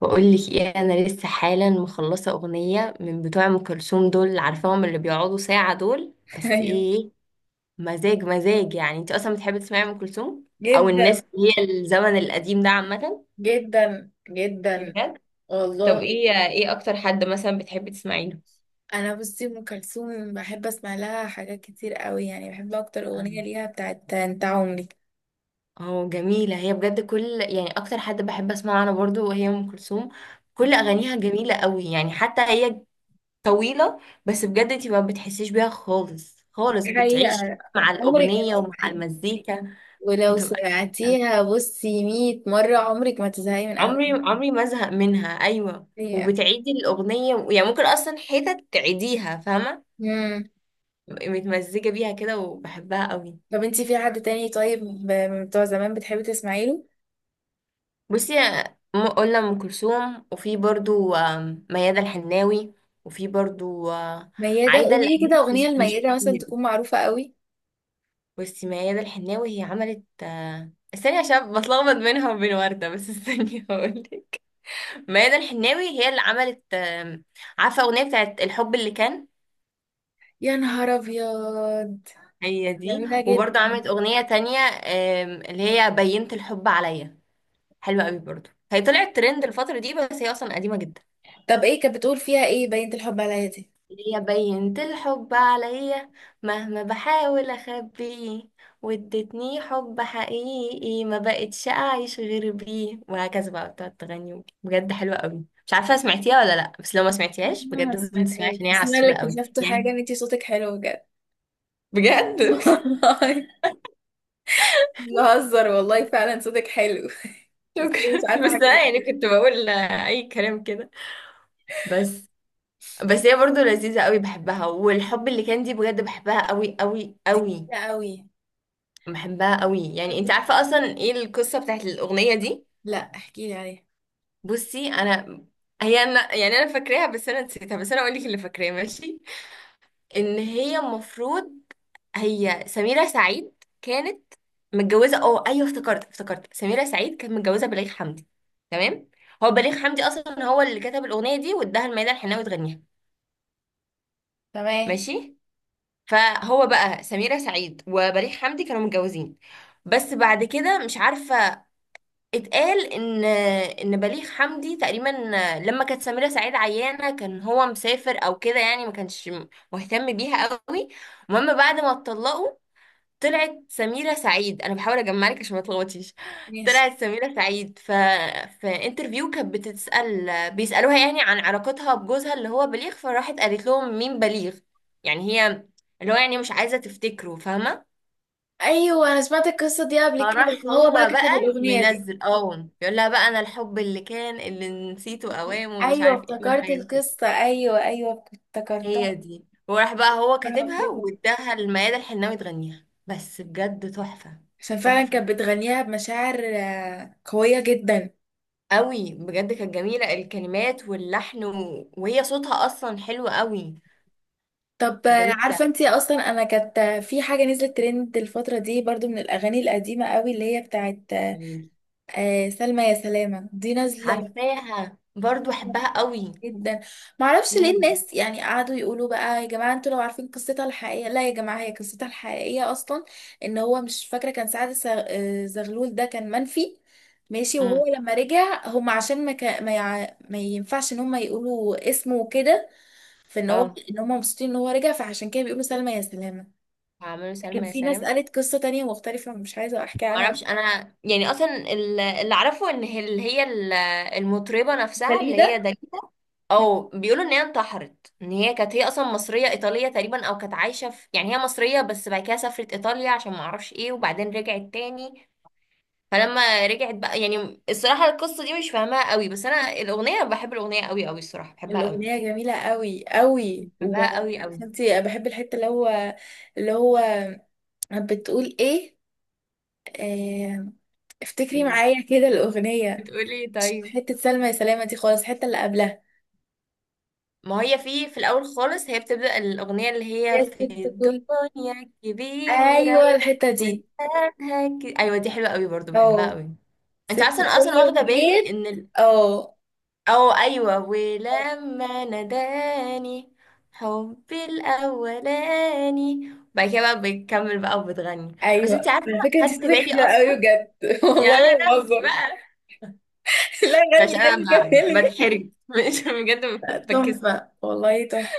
بقولك ايه، انا لسه حالا مخلصه اغنيه من بتوع ام كلثوم. دول عارفاهم، اللي بيقعدوا ساعه. دول بس ايه ايوه، إيه، مزاج مزاج. يعني انت اصلا بتحبي تسمعي ام كلثوم، او جدا الناس اللي هي الزمن القديم ده عامه؟ جدا جدا، بجد. طب والله. ايه اكتر حد مثلا بتحبي تسمعي له؟ انا بصي، ام كلثوم بحب اسمع لها حاجات كتير قوي، يعني بحب اكتر اغنيه أنا- ليها بتاعت انت عمري. اه، جميله هي بجد. كل يعني اكتر حد بحب اسمعه انا برضو وهي ام كلثوم. كل اغانيها جميله قوي يعني، حتى هي طويلة. بس بجد انتي ما بتحسيش بيها خالص خالص، دي حقيقه، بتعيشي مع عمرك ما الأغنية ومع تزهقي. المزيكا. ولو بتبقى سمعتيها بصي 100 مره عمرك ما تزهقي من عمري عمري ما ازهق منها. أيوة، اغانيها. وبتعيدي الأغنية يعني ممكن أصلا حتت تعيديها، فاهمة. امم بتبقي متمزجة بيها كده وبحبها قوي. طب انتي في حد تاني؟ طيب من بتوع زمان بتحبي تسمعي له؟ بصي، قلنا أم كلثوم، وفي برضو ميادة الحناوي، وفي برضو ميادة؟ عايدة قولي لي كده الأيوبي اغنيه بس مش لميادة مثلا كتير. تكون معروفه قوي. بصي، ميادة الحناوي هي عملت استني عشان بتلخبط بينها وبين وردة، بس استني هقولك. ميادة الحناوي هي اللي عملت عارفة أغنية بتاعت الحب اللي كان؟ يا نهار ابيض. هي دي. جميله وبرضه جدا. عملت أغنية تانية اللي هي بينت الحب عليا. حلوة قوي برضه، هي طلعت ترند الفترة دي بس هي أصلا قديمة جدا. طب ايه كانت بتقول فيها؟ ايه بنت الحب عليا دي؟ يا بينت الحب عليا، مهما بحاول اخبيه، وادتني حب حقيقي ما بقتش اعيش غير بيه. وهكذا بقى بتقعد تغني. بجد حلوه قوي، مش عارفه سمعتيها ولا لا، بس لو ما سمعتيهاش انا ما بجد لازم تسمعيها سمعتهاش، عشان هي بس انا اللي عسوله قوي اكتشفت يعني. حاجه، ان انتي صوتك حلو بجد بجد والله. بهزر، والله فعلا صوتك حلو ازاي؟ مش شكرا، عارفه بس حاجه زي انا يعني كده. كنت بقول اي كلام كده بس. بس هي برضو لذيذه قوي، بحبها. والحب اللي كان دي بجد بحبها قوي قوي دي قوي. كتير قوي. بحبها قوي يعني. انت عارفه اصلا ايه القصه بتاعت الاغنيه دي؟ لا، احكي لي عليها. بصي انا، هي انا يعني انا فاكراها بس انا نسيتها. بس انا اقول لك اللي فاكراه، ماشي. ان هي المفروض، هي سميرة سعيد كانت متجوزة، اه ايوه افتكرت. افتكرت سميرة سعيد كانت متجوزة بليغ حمدي، تمام. هو بليغ حمدي اصلا هو اللي كتب الاغنية دي واداها لميادة الحناوي تغنيها، تمام، ماشي. فهو بقى سميرة سعيد وبليغ حمدي كانوا متجوزين، بس بعد كده مش عارفة، اتقال ان بليغ حمدي تقريبا لما كانت سميرة سعيد عيانة كان هو مسافر او كده، يعني ما كانش مهتم بيها قوي. المهم بعد ما اتطلقوا، طلعت سميرة سعيد، انا بحاول اجمع لك عشان ما تلخبطيش. ماشي. طلعت سميرة سعيد ف في انترفيو كانت بتتسأل، بيسألوها يعني عن علاقتها بجوزها اللي هو بليغ، فراحت قالت لهم مين بليغ. يعني هي، اللي هو يعني مش عايزة تفتكره، فاهمة. ايوه، انا سمعت القصه دي قبل فراح كده، فهو بقى هو كتب بقى الاغنيه دي. منزل، اه، بيقول لها بقى انا الحب اللي كان، اللي نسيته اوام، ومش ايوه عارف ايه، افتكرت والحاجات دي. القصه، ايوه ايوه افتكرتها. هي دي. وراح بقى هو أنا كاتبها بقول، واداها لميادة الحناوي تغنيها، بس بجد تحفة. عشان فعلا تحفة كانت بتغنيها بمشاعر قويه جدا. قوي بجد، كانت جميلة الكلمات واللحن وهي صوتها اصلا حلو قوي. طب فجميلة عارفه انتي اصلا، انا كانت في حاجه نزلت ترند الفتره دي برضو من الاغاني القديمه قوي، اللي هي بتاعت يعني. سلمى يا سلامه دي نازله. عارفاها برضو، احبها قوي. جدا. معرفش ليه امم الناس يعني قعدوا يقولوا بقى، يا جماعه انتوا لو عارفين قصتها الحقيقيه، لا يا جماعه هي قصتها الحقيقيه اصلا ان هو مش فاكره، كان سعد زغلول ده كان منفي. ماشي، امم وهو لما رجع هم عشان ما, كا- ما, يع... ما ينفعش ان هم يقولوا اسمه وكده. فان هو اه، ان هم مبسوطين ان هو رجع، فعشان كده بيقولوا سلمى يا سلامه. عملوا لكن سلمى يا في ناس سلامة. قالت قصة تانية مختلفة، مش عايزة أحكيها عنها. معرفش انا يعني اصلا اللي اعرفه ان هي، اللي هي المطربه نفسها اللي داليدا. هي داليدا، او بيقولوا ان هي انتحرت، ان هي كانت هي اصلا مصريه ايطاليه تقريبا، او كانت عايشه في، يعني هي مصريه بس بعد كده سافرت ايطاليا عشان ما اعرفش ايه، وبعدين رجعت تاني. فلما رجعت بقى يعني الصراحه القصه دي مش فاهماها قوي، بس انا الاغنيه بحب الاغنيه قوي قوي الصراحه، بحبها الأغنية قوي. جميلة قوي قوي. بحبها قوي قوي. وعارفة انتي بحب الحتة اللي هو اللي هو بتقول ايه؟ آه، افتكري ايه معايا كده الأغنية. بتقولي إيه؟ مش طيب. حتة سلمى يا سلامة دي خالص، الحتة اللي قبلها. ما هي في الاول خالص هي بتبدا الاغنيه اللي هي يا ست في كل، الدنيا كبيره. أيوة الحتة دي. ايوه، دي حلوه قوي برضو، بحبها اه، قوي. انت ست اصلا اصلا كل واخده بالي جيت. ان اه او ايوه، ولما ناداني حبي الاولاني. بعد كده بقى بتكمل بقى وبتغني. بس ايوه. انت عارفه، على فكره انت خدت صوتك بالي حلو قوي اصلا. بجد يا والله، ما لهوي بهزر بقى، لا غني، عشان غني انا كملي. بتحرج مش بجد، بكس. تحفة، والله تحفة.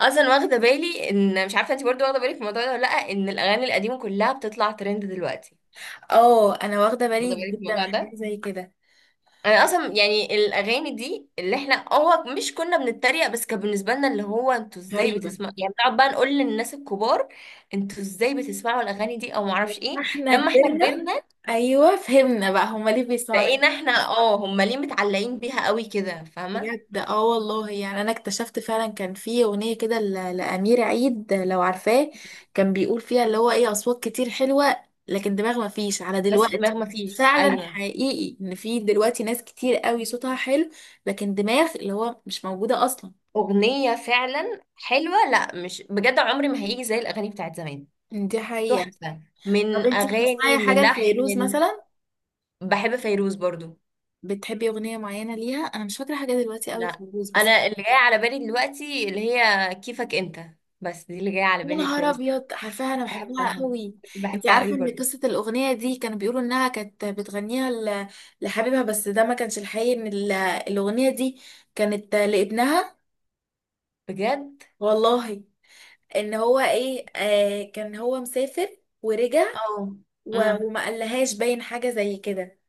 اصلا واخده بالي ان، مش عارفه انت برضو واخده بالك من الموضوع ده ولا لا، ان الاغاني القديمه كلها بتطلع ترند دلوقتي. اه، انا واخدة واخده بالي بالك من جدا من الموضوع حاجة ده؟ زي كده. انا اصلا يعني الاغاني دي اللي احنا هو مش كنا بنتريق بس، كان بالنسبه لنا اللي هو انتوا ازاي غريبة. بتسمعوا، يعني بنقعد بقى نقول للناس الكبار، انتوا ازاي بتسمعوا الاغاني دي او معرفش ايه. احنا لما احنا كبرنا، كبرنا، ايوه فهمنا بقى هما ليه بيسمعوا ده. بقينا احنا اه هم ليه متعلقين بيها قوي كده، فاهمه. بجد، اه والله. يعني انا اكتشفت فعلا كان في اغنية كده لأمير عيد، لو عارفاه، كان بيقول فيها اللي هو ايه، اصوات كتير حلوة لكن دماغ ما فيش على بس دماغ دلوقتي. ما فيش، فعلا ايوه. حقيقي ان في دلوقتي ناس كتير قوي صوتها حلو، لكن دماغ اللي هو مش موجودة اصلا. اغنيه فعلا حلوه. لا مش بجد، عمري ما هيجي زي الاغاني بتاعت زمان. دي حقيقة. تحفه، طب من انتي اغاني بتسمعي حاجة للحن لفيروز مثلا؟ بحب فيروز برضو. بتحبي اغنيه معينه ليها؟ انا مش فاكره حاجه دلوقتي قوي لا، الفيروز بس. انا اللي جاي على بالي دلوقتي اللي هي كيفك انت، بس دي اللي جايه على يا بالي نهار فيروز. ابيض، عارفاها، انا بحبها بحبها. قوي. انت بحبها قوي عارفه ان برضه. قصه الاغنيه دي كانوا بيقولوا انها كانت بتغنيها لحبيبها، بس ده ما كانش الحقيقي. ان الاغنيه دي كانت لابنها، بجد. والله. ان هو ايه كان هو مسافر ورجع، اه. امم وما قالهاش، باين حاجه زي كده،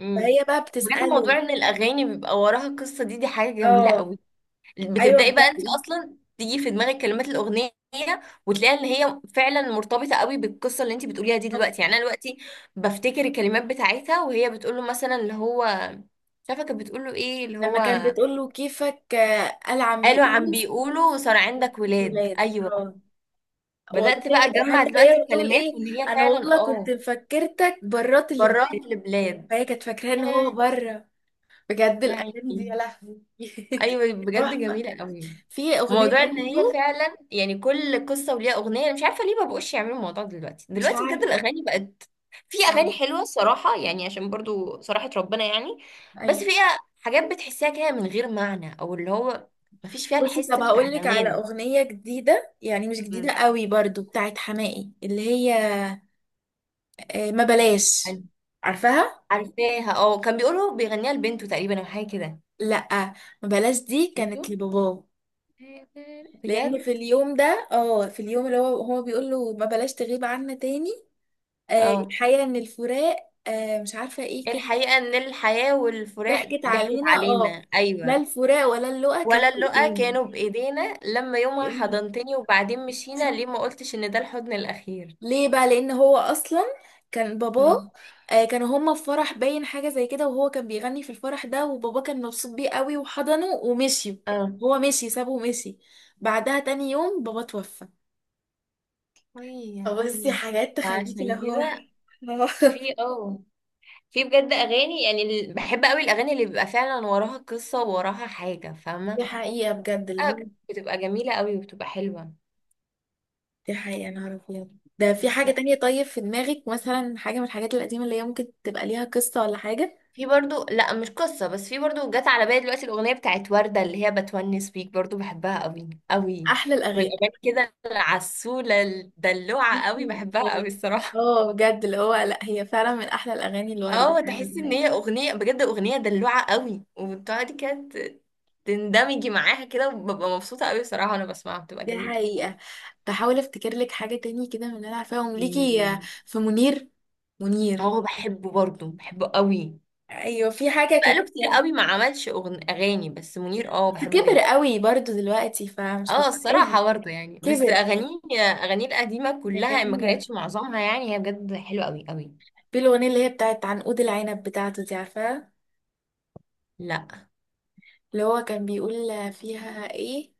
امم فهي بقى بجد، بتساله. موضوع ان الاغاني بيبقى وراها قصه دي، دي حاجه جميله اه قوي. ايوه بتبداي بقى انت بقى. اصلا تيجي في دماغك كلمات الاغنيه، وتلاقي ان هي فعلا مرتبطه قوي بالقصه اللي انت بتقوليها دي طب دلوقتي. يعني انا دلوقتي بفتكر الكلمات بتاعتها وهي بتقول له مثلا اللي هو، مش عارفه كانت بتقول له ايه اللي لما هو. كان بتقول له كيفك، قال عم قالوا عم بيقول بيقولوا صار عندك ولاد، ولاد، ايوه. اه والله. بدأت بقى اجمع حتى دلوقتي هي بتقول ايه؟ الكلمات وان هي انا فعلا والله كنت اه، مفكرتك برات، اللي بجد، برات لبلاد. فهي كانت فاكراه ان هو آه، بره. بجد يعني الاغاني دي، يا لهوي ايوه بجد تحفه. جميله قوي. في اغنيه وموضوع ان هي برضه، فعلا يعني كل قصه وليها اغنيه. انا مش عارفه ليه ما بقوش يعملوا الموضوع ده دلوقتي. مش دلوقتي بجد عارفه، الاغاني بقت. في صعب. اغاني حلوه الصراحه يعني، عشان برضو صراحه ربنا يعني، بس ايوه. فيها حاجات بتحسها كده من غير معنى، او اللي هو مفيش فيها بصي، الحس طب بتاع هقول لك على زمان. اغنيه جديده، يعني مش مم. جديده قوي برضو، بتاعت حماقي، اللي هي ما بلاش، عارفاها. عارفاها، اه. كان بيقولوا بيغنيها لبنته تقريبا او حاجه كده. لا ما بلاش دي بنته، كانت لباباه. لان بجد. في اليوم اللي هو بيقول له ما بلاش تغيب عنا تاني. اه. الحقيقة ان الفراق، مش عارفة ايه كده، الحقيقه ان الحياه والفراق ضحكت ضحكت علينا، اه. علينا، لا، ايوه. الفراق ولا اللقا كان ولا في اللقا ايدينا. كانوا بايدينا، لما يومها يا نهار حضنتني وبعدين مشينا، أسود. ليه ما قلتش ان ده الحضن الاخير. ليه بقى؟ لان هو اصلا كان باباه. مم. كانوا هما في فرح، باين حاجة زي كده، وهو كان بيغني في الفرح ده، وباباه كان مبسوط بيه قوي، وحضنه ومشي. اه. هو مشي، سابه ومشي. بعدها تاني يوم بابا توفى. وي، يا اه بصي، عيني. حاجات تخليكي اللي عشان هو كده، في اه في بجد اغاني يعني، بحب قوي الاغاني اللي بيبقى فعلا وراها قصه ووراها حاجه، دي فاهمه. حقيقة بجد، اللي آه، هو. بتبقى جميله قوي وبتبقى حلوه. دي حقيقة، أنا أعرف يعني. ده في بس حاجة تانية. طيب في دماغك مثلا حاجة من الحاجات القديمة اللي هي ممكن تبقى ليها قصة ولا حاجة؟ في برضو، لا مش قصة بس، في برضو جت على بالي دلوقتي الأغنية بتاعت وردة اللي هي بتونس بيك، برضو بحبها قوي قوي. أحلى من الأغاني، الأغاني كده العسولة أحلى الدلوعة قوي، بحبها قوي الأغاني. الصراحة. اه بجد اللي هو، لا هي فعلا من أحلى الأغاني اللي وردت اه، تحسي ان فعلاً. هي أغنية بجد، أغنية دلوعة قوي وبتقعدي كده تندمجي معاها كده، وببقى مبسوطة قوي الصراحة، وانا بسمعها بتبقى دي جميلة. حقيقة. بحاول أفتكر لك حاجة تاني كده من اللي أنا عارفاهم ليكي مم. في منير. منير، اه، بحبه برضو، بحبه قوي، أيوة في بس حاجة بقاله كانت، كتير قوي ما عملش أغاني. بس منير اه بس بحبه كبر جدا. قوي برضو دلوقتي فمش اه، هتبقى الصراحة برضه يعني، بس كبر، أغانيه، أغانيه القديمة كانت كلها ما جميلة. كانتش معظمها يعني، هي بجد حلوة أوي أوي. في الأغنية اللي هي بتاعت عنقود العنب بتاعته دي، عارفاها؟ لا اللي هو كان بيقول فيها ايه؟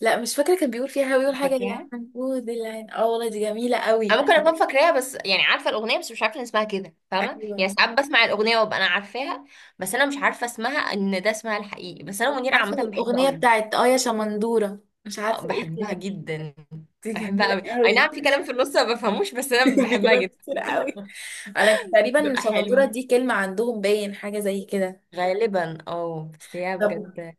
لا مش فاكرة، كان بيقول مش حاجة يا فاكراها. حنفود العين، اه والله دي جميلة أنا قوي. ممكن أكون فاكراها بس، يعني عارفة الأغنية بس مش عارفة إن اسمها كده، فاهمة ايوه، يعني. ساعات بسمع الأغنية وأبقى أنا عارفاها، بس أنا مش عارفة اسمها إن ده اسمها الحقيقي. بس مش أنا منيرة عارفة عامة بحبه الأغنية أوي. بتاعت، اه، يا شمندورة، مش عارفة ايه بحبها كده. جدا. دي بحبها جميلة أوي، أي قوي نعم في كلام في النص ما بفهموش بس أنا في بحبها كلام جدا. كتير قوي. انا تقريبا بتبقى شمندورة حلوة دي كلمة عندهم، باين حاجة زي كده. غالبا، اه بس هي طب بجد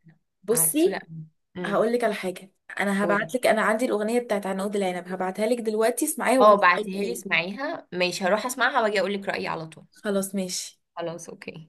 عسولة بصي أوي. أمم، هقول لك على حاجة. انا قولي، هبعت لك، انا عندي الأغنية بتاعت عنقود العنب، هبعتها لك دلوقتي، اسمعيها اه وقولي رأيك بعتيها لي فيها. اسمعيها، ماشي هروح اسمعها واجي اقول لك رأيي على طول. خلاص ماشي. خلاص، اوكي.